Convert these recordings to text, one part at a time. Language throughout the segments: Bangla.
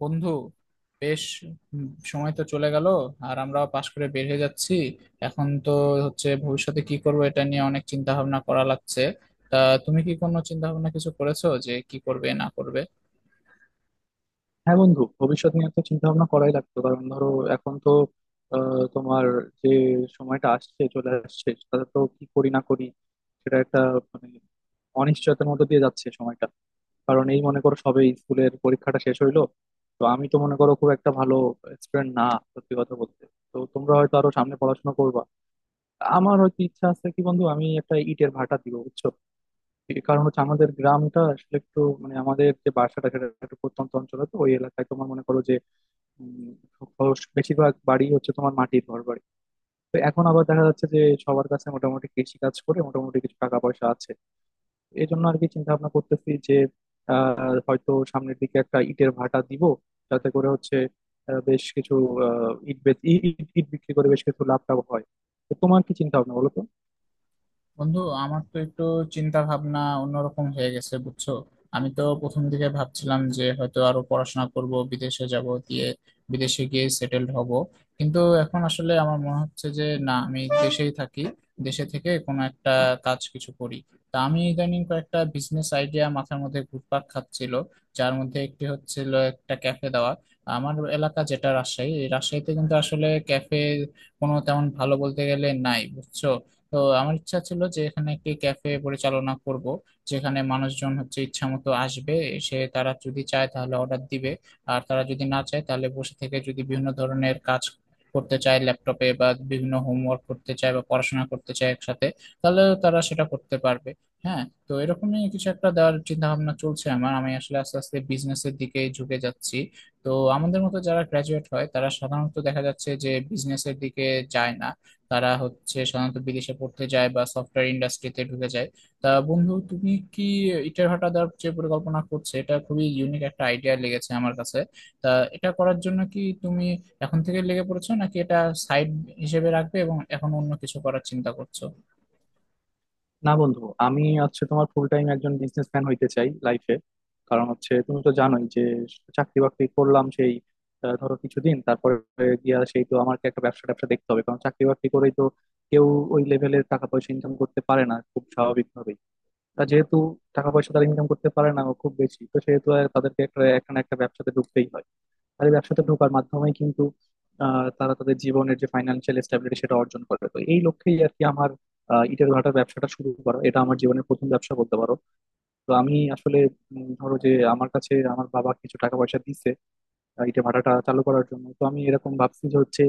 বন্ধু, বেশ। সময় তো চলে গেল, আর আমরাও পাশ করে বের হয়ে যাচ্ছি। এখন তো হচ্ছে ভবিষ্যতে কি করব এটা নিয়ে অনেক চিন্তা ভাবনা করা লাগছে। তা তুমি কি কোনো চিন্তা ভাবনা কিছু করেছো যে কি করবে না করবে? হ্যাঁ বন্ধু, ভবিষ্যৎ নিয়ে তো চিন্তা ভাবনা করাই লাগতো। কারণ ধরো, এখন তো তোমার যে সময়টা আসছে, চলে আসছে, তাতে তো কি করি না করি সেটা একটা মানে অনিশ্চয়তার মধ্যে দিয়ে যাচ্ছে সময়টা। কারণ এই মনে করো, সবে স্কুলের পরীক্ষাটা শেষ হইলো। তো আমি তো মনে করো খুব একটা ভালো স্টুডেন্ট না, সত্যি কথা বলতে। তো তোমরা হয়তো আরো সামনে পড়াশোনা করবা, আমার হয়তো ইচ্ছা আছে কি বন্ধু, আমি একটা ইটের ভাটা দিব, বুঝছো। এই কারণ হচ্ছে আমাদের গ্রামটা আসলে একটু মানে আমাদের যে বাসাটা সেটা একটু প্রত্যন্ত অঞ্চলে, তো ওই এলাকায় তোমার মনে করো যে উম, বেশিরভাগ বাড়ি হচ্ছে তোমার মাটির ঘর বাড়ি। তো এখন আবার দেখা যাচ্ছে যে সবার কাছে মোটামুটি কৃষি কাজ করে মোটামুটি কিছু টাকা পয়সা আছে। এই জন্য আর কি চিন্তা ভাবনা করতেছি যে আহ হয়তো সামনের দিকে একটা ইটের ভাটা দিব, যাতে করে হচ্ছে বেশ কিছু আহ ইট বেচ- ই- ইট ইট বিক্রি করে বেশ কিছু লাভ টাভ হয়। তো তোমার কি চিন্তা ভাবনা, বলো তো। বন্ধু, আমার তো একটু চিন্তা ভাবনা অন্যরকম হয়ে গেছে বুঝছো। আমি তো প্রথম দিকে ভাবছিলাম যে হয়তো আরো পড়াশোনা করব, বিদেশে যাব, দিয়ে বিদেশে গিয়ে সেটেলড হব। কিন্তু এখন আসলে আমার মনে হচ্ছে যে না, আমি দেশেই থাকি, দেশে থেকে কোনো একটা কাজ কিছু করি। তা আমি ইদানিং কয়েকটা বিজনেস আইডিয়া মাথার মধ্যে ঘুরপাক খাচ্ছিল, যার মধ্যে একটি হচ্ছিল একটা ক্যাফে দেওয়া। আমার এলাকা যেটা রাজশাহী, এই রাজশাহীতে কিন্তু আসলে ক্যাফে কোনো তেমন ভালো বলতে গেলে নাই, বুঝছো। তো আমার ইচ্ছা ছিল যে এখানে একটি ক্যাফে পরিচালনা করব, যেখানে মানুষজন হচ্ছে ইচ্ছা মতো আসবে, এসে তারা যদি চায় তাহলে অর্ডার দিবে, আর তারা যদি না চায় তাহলে বসে থেকে যদি বিভিন্ন ধরনের কাজ করতে চায়, ল্যাপটপে বা বিভিন্ন হোমওয়ার্ক করতে চায় বা পড়াশোনা করতে চায় একসাথে, তাহলে তারা সেটা করতে পারবে। হ্যাঁ, তো এরকমই কিছু একটা দেওয়ার চিন্তা ভাবনা চলছে আমার। আমি আসলে আস্তে আস্তে বিজনেসের দিকে ঝুঁকে যাচ্ছি। তো আমাদের মতো যারা গ্রাজুয়েট হয় তারা সাধারণত দেখা যাচ্ছে যে বিজনেসের দিকে যায় না, তারা হচ্ছে সাধারণত বিদেশে পড়তে যায় বা সফটওয়্যার ইন্ডাস্ট্রিতে ঢুকে যায়। তা বন্ধু, তুমি কি ইটের ভাটা দেওয়ার যে পরিকল্পনা করছে, এটা খুবই ইউনিক একটা আইডিয়া লেগেছে আমার কাছে। তা এটা করার জন্য কি তুমি এখন থেকে লেগে পড়েছো, নাকি এটা সাইড হিসেবে রাখবে এবং এখন অন্য কিছু করার চিন্তা করছো? না বন্ধু, আমি হচ্ছে তোমার ফুল টাইম একজন বিজনেসম্যান হইতে চাই লাইফে। কারণ হচ্ছে তুমি তো জানোই যে চাকরি বাকরি করলাম সেই ধরো কিছুদিন, তারপরে গিয়া সেই তো আমাকে একটা ব্যবসা ট্যাবসা দেখতে হবে। কারণ চাকরি বাকরি করেই তো কেউ ওই লেভেলের টাকা পয়সা ইনকাম করতে পারে না, খুব স্বাভাবিকভাবেই। তা যেহেতু টাকা পয়সা তারা ইনকাম করতে পারে না খুব বেশি, তো সেহেতু আর তাদেরকে একটা একটা না একটা ব্যবসাতে ঢুকতেই হয়। আর এই ব্যবসাতে ঢোকার মাধ্যমে কিন্তু তারা তাদের জীবনের যে ফাইন্যান্সিয়াল স্ট্যাবিলিটি সেটা অর্জন করে। তো এই লক্ষ্যেই আর কি আমার ইটের ভাটার ব্যবসাটা শুরু করা, এটা আমার জীবনের প্রথম ব্যবসা বলতে পারো। তো আমি আসলে ধরো যে, আমার কাছে আমার বাবা কিছু টাকা পয়সা দিছে ইটের ভাটাটা চালু করার জন্য। তো আমি এরকম ভাবছি যে হচ্ছে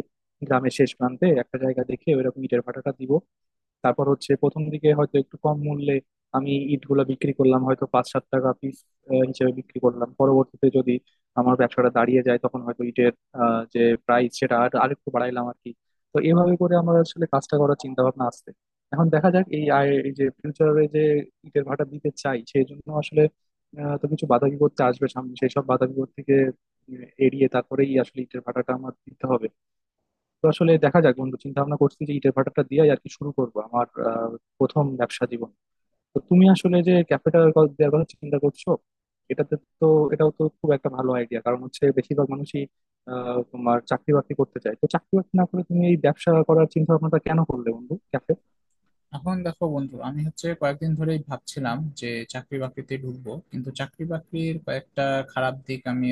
গ্রামের শেষ প্রান্তে একটা জায়গা দেখে ওইরকম ইটের ভাটাটা দিব। তারপর হচ্ছে প্রথম দিকে হয়তো একটু কম মূল্যে আমি ইটগুলো বিক্রি করলাম, হয়তো 5-7 টাকা পিস হিসেবে বিক্রি করলাম। পরবর্তীতে যদি আমার ব্যবসাটা দাঁড়িয়ে যায়, তখন হয়তো ইটের যে প্রাইস সেটা আর আরেকটু বাড়াইলাম আর কি। তো এভাবে করে আমার আসলে কাজটা করার চিন্তা ভাবনা আসছে। এখন দেখা যাক, এই আয় এই যে ফিউচারে যে ইটের ভাটা দিতে চাই, সেই জন্য আসলে তো কিছু বাধা বিপত্তি আসবে সামনে, সেই সব বাধা বিপত্তিকে এড়িয়ে তারপরেই আসলে ইটের ভাটাটা আমার দিতে হবে। তো আসলে দেখা যাক বন্ধু, চিন্তা ভাবনা করছি যে ইটের ভাটাটা দিয়ে আর কি শুরু করবো আমার প্রথম ব্যবসা জীবন। তো তুমি আসলে যে ক্যাফেটার দেওয়ার কথা চিন্তা করছো, এটাতে তো, এটাও তো খুব একটা ভালো আইডিয়া। কারণ হচ্ছে বেশিরভাগ মানুষই তোমার চাকরি বাকরি করতে চায়। তো চাকরি বাকরি না করে তুমি এই ব্যবসা করার চিন্তা ভাবনাটা কেন করলে বন্ধু, ক্যাফে? এখন দেখো বন্ধু, আমি হচ্ছে কয়েকদিন ধরেই ভাবছিলাম যে চাকরি বাকরিতে ঢুকবো, কিন্তু চাকরি বাকরির কয়েকটা খারাপ দিক আমি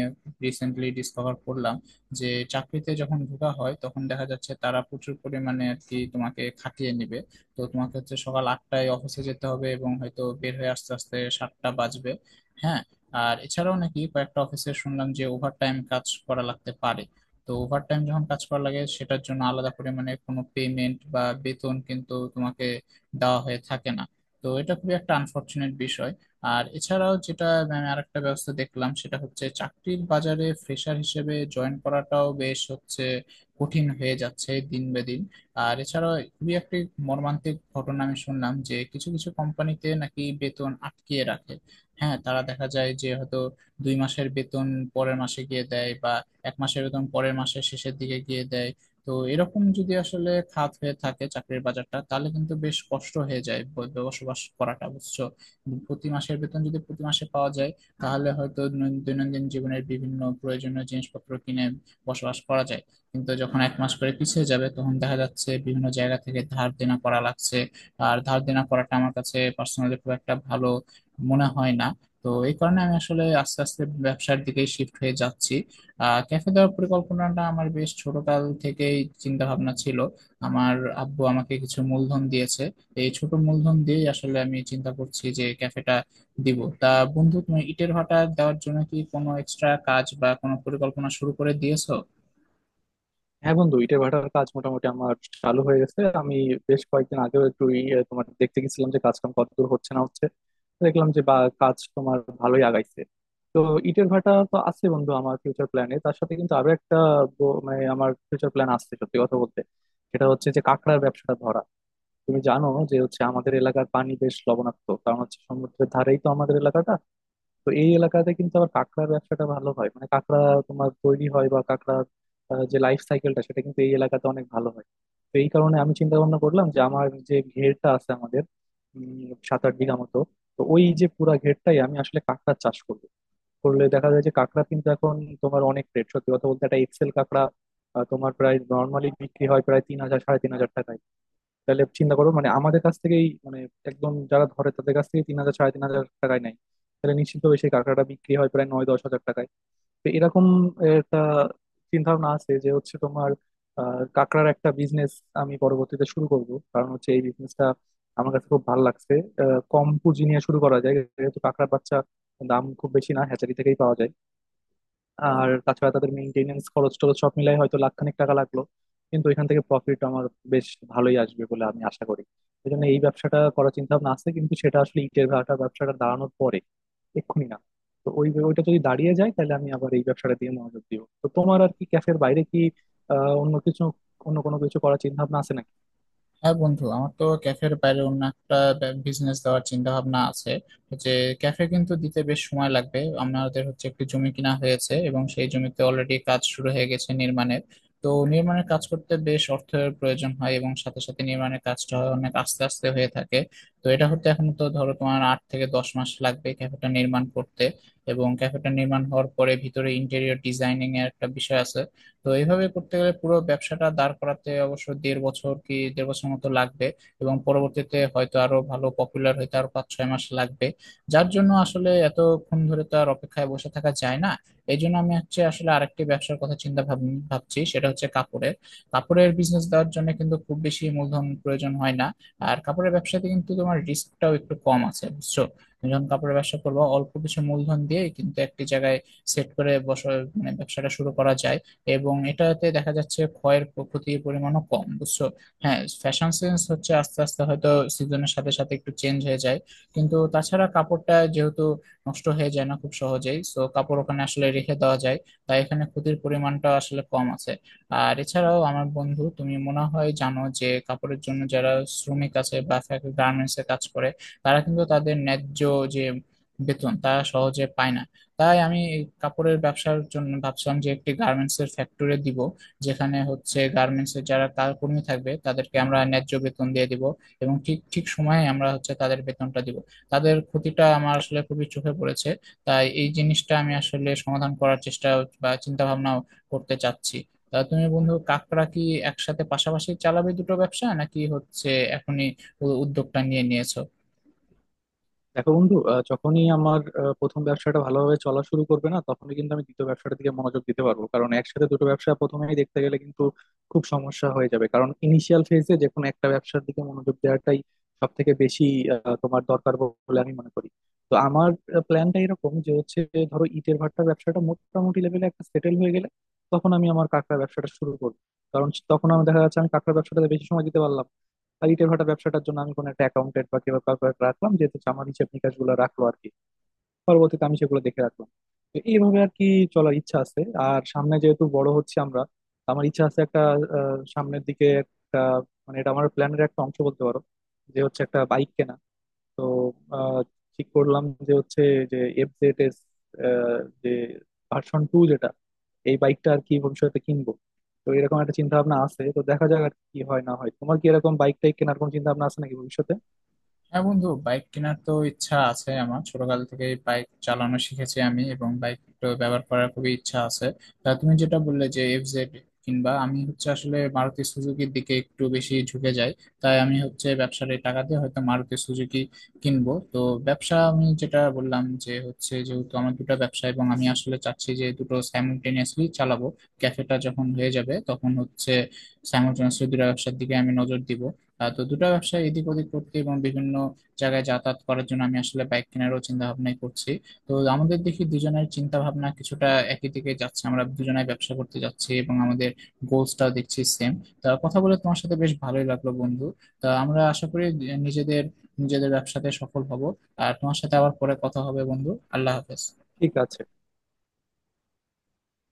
রিসেন্টলি ডিসকভার করলাম। যে চাকরিতে যখন ঢোকা হয় তখন দেখা যাচ্ছে তারা প্রচুর পরিমাণে আর কি তোমাকে খাটিয়ে নেবে। তো তোমাকে হচ্ছে সকাল 8টায় অফিসে যেতে হবে এবং হয়তো বের হয়ে আস্তে আস্তে 7টা বাজবে। হ্যাঁ, আর এছাড়াও নাকি কয়েকটা অফিসে শুনলাম যে ওভারটাইম কাজ করা লাগতে পারে। তো ওভারটাইম যখন কাজ করা লাগে সেটার জন্য আলাদা পরিমাণে কোনো পেমেন্ট বা বেতন কিন্তু দেওয়া হয়ে থাকে না। তো এটা খুবই একটা আনফরচুনেট বিষয়। আর এছাড়াও যেটা আমি আরেকটা ব্যবস্থা দেখলাম সেটা হচ্ছে চাকরির বাজারে ফ্রেশার হিসেবে জয়েন করাটাও বেশ হচ্ছে কঠিন হয়ে যাচ্ছে দিন বে দিন। আর এছাড়াও খুবই একটি মর্মান্তিক ঘটনা আমি শুনলাম যে কিছু কিছু কোম্পানিতে নাকি বেতন আটকিয়ে রাখে। হ্যাঁ, তারা দেখা যায় যে হয়তো 2 মাসের বেতন পরের মাসে গিয়ে দেয়, বা 1 মাসের বেতন পরের মাসের শেষের দিকে গিয়ে দেয়। তো এরকম যদি আসলে খাত হয়ে থাকে চাকরির বাজারটা তাহলে কিন্তু বেশ কষ্ট হয়ে যায় বসবাস করাটা, বুঝছো। প্রতি মাসের বেতন যদি প্রতি মাসে পাওয়া যায়, তাহলে হয়তো দৈনন্দিন জীবনের বিভিন্ন প্রয়োজনীয় জিনিসপত্র কিনে বসবাস করা যায়। কিন্তু যখন 1 মাস করে পিছিয়ে যাবে তখন দেখা যাচ্ছে বিভিন্ন জায়গা থেকে ধার দেনা করা লাগছে। আর ধার দেনা করাটা আমার কাছে পার্সোনালি খুব একটা ভালো মনে হয় না। তো এই কারণে আমি আসলে আস্তে আস্তে ব্যবসার দিকে শিফট হয়ে যাচ্ছি। ক্যাফে দেওয়ার পরিকল্পনাটা আমার বেশ ছোটকাল থেকেই চিন্তা ভাবনা ছিল। আমার আব্বু আমাকে কিছু মূলধন দিয়েছে। এই ছোট মূলধন দিয়ে আসলে আমি চিন্তা করছি যে ক্যাফেটা দিব। তা বন্ধু, তুমি ইটের ভাটা দেওয়ার জন্য কি কোনো এক্সট্রা কাজ বা কোনো পরিকল্পনা শুরু করে দিয়েছো? হ্যাঁ বন্ধু, ইটের ভাটার কাজ মোটামুটি আমার চালু হয়ে গেছে। আমি বেশ কয়েকদিন আগেও একটু তোমার দেখতে গেছিলাম যে কাজ কাম কতদূর হচ্ছে না হচ্ছে। দেখলাম যে বা কাজ তোমার ভালোই আগাইছে। তো ইটের ভাটা তো আছে বন্ধু আমার ফিউচার প্ল্যানে, তার সাথে কিন্তু আরো একটা মানে আমার ফিউচার প্ল্যান আছে, সত্যি কথা বলতে। সেটা হচ্ছে যে কাঁকড়ার ব্যবসাটা ধরা। তুমি জানো যে হচ্ছে আমাদের এলাকার পানি বেশ লবণাক্ত, কারণ হচ্ছে সমুদ্রের ধারেই তো আমাদের এলাকাটা। তো এই এলাকাতে কিন্তু আবার কাঁকড়ার ব্যবসাটা ভালো হয়, মানে কাঁকড়া তোমার তৈরি হয় বা কাঁকড়ার যে লাইফ সাইকেলটা সেটা কিন্তু এই এলাকাতে অনেক ভালো হয়। তো এই কারণে আমি চিন্তা ভাবনা করলাম যে আমার যে ঘেরটা আছে আমাদের 7-8 বিঘা মতো, তো ওই যে পুরা ঘেরটাই আমি আসলে কাঁকড়ার চাষ করবো। করলে দেখা যায় যে কাঁকড়া কিন্তু এখন তোমার অনেক রেট, সত্যি কথা বলতে একটা এক্সেল কাঁকড়া তোমার প্রায় নর্মালি বিক্রি হয় প্রায় 3,000-3,500 টাকায়। তাহলে চিন্তা করো মানে আমাদের কাছ থেকেই মানে একদম যারা ধরে তাদের কাছ থেকে 3,000-3,500 টাকায় নেয়, তাহলে নিশ্চিতভাবে সেই কাঁকড়াটা বিক্রি হয় প্রায় 9-10 হাজার টাকায়। তো এরকম একটা চিন্তা ভাবনা আছে যে হচ্ছে তোমার কাঁকড়ার একটা বিজনেস আমি পরবর্তীতে শুরু করব। কারণ হচ্ছে এই বিজনেসটা আমার কাছে খুব ভালো লাগছে। কম পুঁজি নিয়ে শুরু করা যায়, যেহেতু কাঁকড়ার বাচ্চা দাম খুব বেশি না, হ্যাচারি থেকেই পাওয়া যায়। আর তাছাড়া তাদের মেইনটেনেন্স খরচ টরচ সব মিলাই হয়তো লাখখানেক টাকা লাগলো, কিন্তু এখান থেকে প্রফিট আমার বেশ ভালোই আসবে বলে আমি আশা করি। এই জন্য এই ব্যবসাটা করার চিন্তা ভাবনা আছে, কিন্তু সেটা আসলে ইটের ভাটা ব্যবসাটা দাঁড়ানোর পরে, এক্ষুনি না। তো ওইটা যদি দাঁড়িয়ে যায় তাহলে আমি আবার এই ব্যবসাটা দিয়ে মনোযোগ দিব। তো তোমার আর কি ক্যাফের বাইরে কি আহ অন্য কিছু অন্য কোনো কিছু করার চিন্তা ভাবনা আছে নাকি? হ্যাঁ বন্ধু, আমার তো ক্যাফের বাইরে অন্য একটা বিজনেস দেওয়ার চিন্তা ভাবনা আছে। যে ক্যাফে কিন্তু দিতে বেশ সময় লাগবে, আমাদের হচ্ছে একটি জমি কিনা হয়েছে এবং সেই জমিতে অলরেডি কাজ শুরু হয়ে গেছে নির্মাণের। তো নির্মাণের কাজ করতে বেশ অর্থের প্রয়োজন হয় এবং সাথে সাথে নির্মাণের কাজটা হয় অনেক আস্তে আস্তে হয়ে থাকে। তো এটা হতে এখন তো ধরো তোমার 8 থেকে 10 মাস লাগবে ক্যাফেটা নির্মাণ করতে। এবং ক্যাফেটা নির্মাণ হওয়ার পরে ভিতরে ইন্টেরিয়র ডিজাইনিং এর একটা বিষয় আছে। তো এইভাবে করতে গেলে পুরো ব্যবসাটা দাঁড় করাতে অবশ্য দেড় বছর কি দেড় বছর মতো লাগবে। এবং পরবর্তীতে হয়তো আরো ভালো পপুলার হইতে আরো 5-6 মাস লাগবে। যার জন্য আসলে এতক্ষণ ধরে তো আর অপেক্ষায় বসে থাকা যায় না। এই জন্য আমি হচ্ছে আসলে আরেকটি ব্যবসার কথা চিন্তা ভাবছি, সেটা হচ্ছে কাপড়ের। কাপড়ের বিজনেস দেওয়ার জন্য কিন্তু খুব বেশি মূলধন প্রয়োজন হয় না। আর কাপড়ের ব্যবসাতে কিন্তু তোমার রিস্কটাও একটু কম আছে, বুঝছো। তুমি যখন কাপড়ের ব্যবসা করবো অল্প কিছু মূলধন দিয়ে কিন্তু একটি জায়গায় সেট করে বসে, মানে ব্যবসাটা শুরু করা যায়। এবং এটাতে দেখা যাচ্ছে ক্ষতির পরিমাণও কম, বুঝছো। হ্যাঁ ফ্যাশন সেন্স হচ্ছে আস্তে আস্তে হয়তো সিজনের সাথে সাথে একটু চেঞ্জ হয়ে যায়, কিন্তু তাছাড়া কাপড়টা যেহেতু নষ্ট হয়ে যায় না খুব সহজেই, সো কাপড় ওখানে আসলে রেখে দেওয়া যায়। তাই এখানে ক্ষতির পরিমাণটা আসলে কম আছে। আর এছাড়াও আমার বন্ধু, তুমি মনে হয় জানো যে কাপড়ের জন্য যারা শ্রমিক আছে বা গার্মেন্টস এ কাজ করে তারা কিন্তু তাদের ন্যায্য যে বেতন তারা সহজে পায় না। তাই আমি এই কাপড়ের ব্যবসার জন্য ভাবছিলাম যে একটি গার্মেন্টস এর ফ্যাক্টরি দিব, যেখানে হচ্ছে গার্মেন্টস এর যারা কাজ কর্মী থাকবে তাদেরকে আমরা ন্যায্য বেতন দিয়ে দিব এবং ঠিক ঠিক সময়ে আমরা হচ্ছে তাদের বেতনটা দিব। তাদের ক্ষতিটা আমার আসলে খুবই চোখে পড়েছে, তাই এই জিনিসটা আমি আসলে সমাধান করার চেষ্টা বা চিন্তা ভাবনা করতে চাচ্ছি। তা তুমি বন্ধু কাকড়া কি একসাথে পাশাপাশি চালাবে দুটো ব্যবসা, নাকি হচ্ছে এখনই উদ্যোগটা নিয়ে নিয়েছো? দেখো বন্ধু, যখনই আমার প্রথম ব্যবসাটা ভালোভাবে চলা শুরু করবে না, তখনই কিন্তু আমি দ্বিতীয় ব্যবসাটার দিকে মনোযোগ দিতে পারবো। কারণ একসাথে দুটো ব্যবসা প্রথমেই দেখতে গেলে কিন্তু খুব সমস্যা হয়ে যাবে। কারণ ইনিশিয়াল ফেজে যে কোনো একটা ব্যবসার দিকে মনোযোগ দেওয়াটাই সব থেকে বেশি তোমার দরকার বলে আমি মনে করি। তো আমার প্ল্যানটা এরকম যে হচ্ছে, ধরো ইটের ভাটার ব্যবসাটা মোটামুটি লেভেলে একটা সেটেল হয়ে গেলে, তখন আমি আমার কাঁকড়া ব্যবসাটা শুরু করবো। কারণ তখন আমি দেখা যাচ্ছে আমি কাঁকড়া ব্যবসাটাতে বেশি সময় দিতে পারলাম। আর ইটের ভাটা ব্যবসাটার জন্য আমি কোনো একটা অ্যাকাউন্টেন্ট বা কেউ কাউকে একটা রাখলাম যে হচ্ছে আমার হিসেব নিকাশ গুলো রাখলো আর কি, পরবর্তীতে আমি সেগুলো দেখে রাখলাম। তো এইভাবে আর কি চলার ইচ্ছা আছে। আর সামনে যেহেতু বড় হচ্ছে আমরা, আমার ইচ্ছা আছে একটা সামনের দিকে একটা মানে এটা আমার প্ল্যানের একটা অংশ বলতে পারো, যে হচ্ছে একটা বাইক কেনা। তো আহ, ঠিক করলাম যে হচ্ছে, যে FZS, যে ভার্সন 2, যেটা এই বাইকটা আর কি ভবিষ্যতে কিনবো। তো এরকম একটা চিন্তা ভাবনা আছে। তো দেখা যাক আর কি হয় না হয়। তোমার কি এরকম বাইক টাইক কেনার কোনো চিন্তা ভাবনা আছে নাকি ভবিষ্যতে? হ্যাঁ বন্ধু, বাইক কেনার তো ইচ্ছা আছে আমার, ছোটকাল থেকে বাইক চালানো শিখেছি আমি এবং বাইক ব্যবহার করার খুবই ইচ্ছা আছে। তা তুমি যেটা বললে যে এফজেড কিনবা, আমি হচ্ছে আসলে মারুতি সুজুকির দিকে একটু বেশি ঝুঁকে যাই। তাই আমি হচ্ছে ব্যবসার এই টাকা দিয়ে হয়তো মারুতি সুজুকি কিনবো। তো ব্যবসা আমি যেটা বললাম যে হচ্ছে যেহেতু আমার দুটো ব্যবসা, এবং আমি আসলে চাচ্ছি যে দুটো সাইমultaneously চালাবো। ক্যাফেটা যখন হয়ে যাবে তখন হচ্ছে সাইমultaneously দুটো ব্যবসার দিকে আমি নজর দিব। তো দুটো ব্যবসা এদিক ওদিক করতে এবং বিভিন্ন জায়গায় যাতায়াত করার জন্য আমি আসলে বাইক কেনারও চিন্তা ভাবনাই করছি। তো আমাদের দেখি দুজনের চিন্তা ভাবনা কিছুটা একই দিকে যাচ্ছে, আমরা দুজনাই ব্যবসা করতে যাচ্ছি এবং আমাদের গোলসটাও দেখছি সেম। তা কথা বলে তোমার সাথে বেশ ভালোই লাগলো বন্ধু। তা আমরা আশা করি নিজেদের নিজেদের ব্যবসাতে সফল হব। আর তোমার সাথে আবার পরে কথা হবে বন্ধু। আল্লাহ হাফেজ। ঠিক আছে।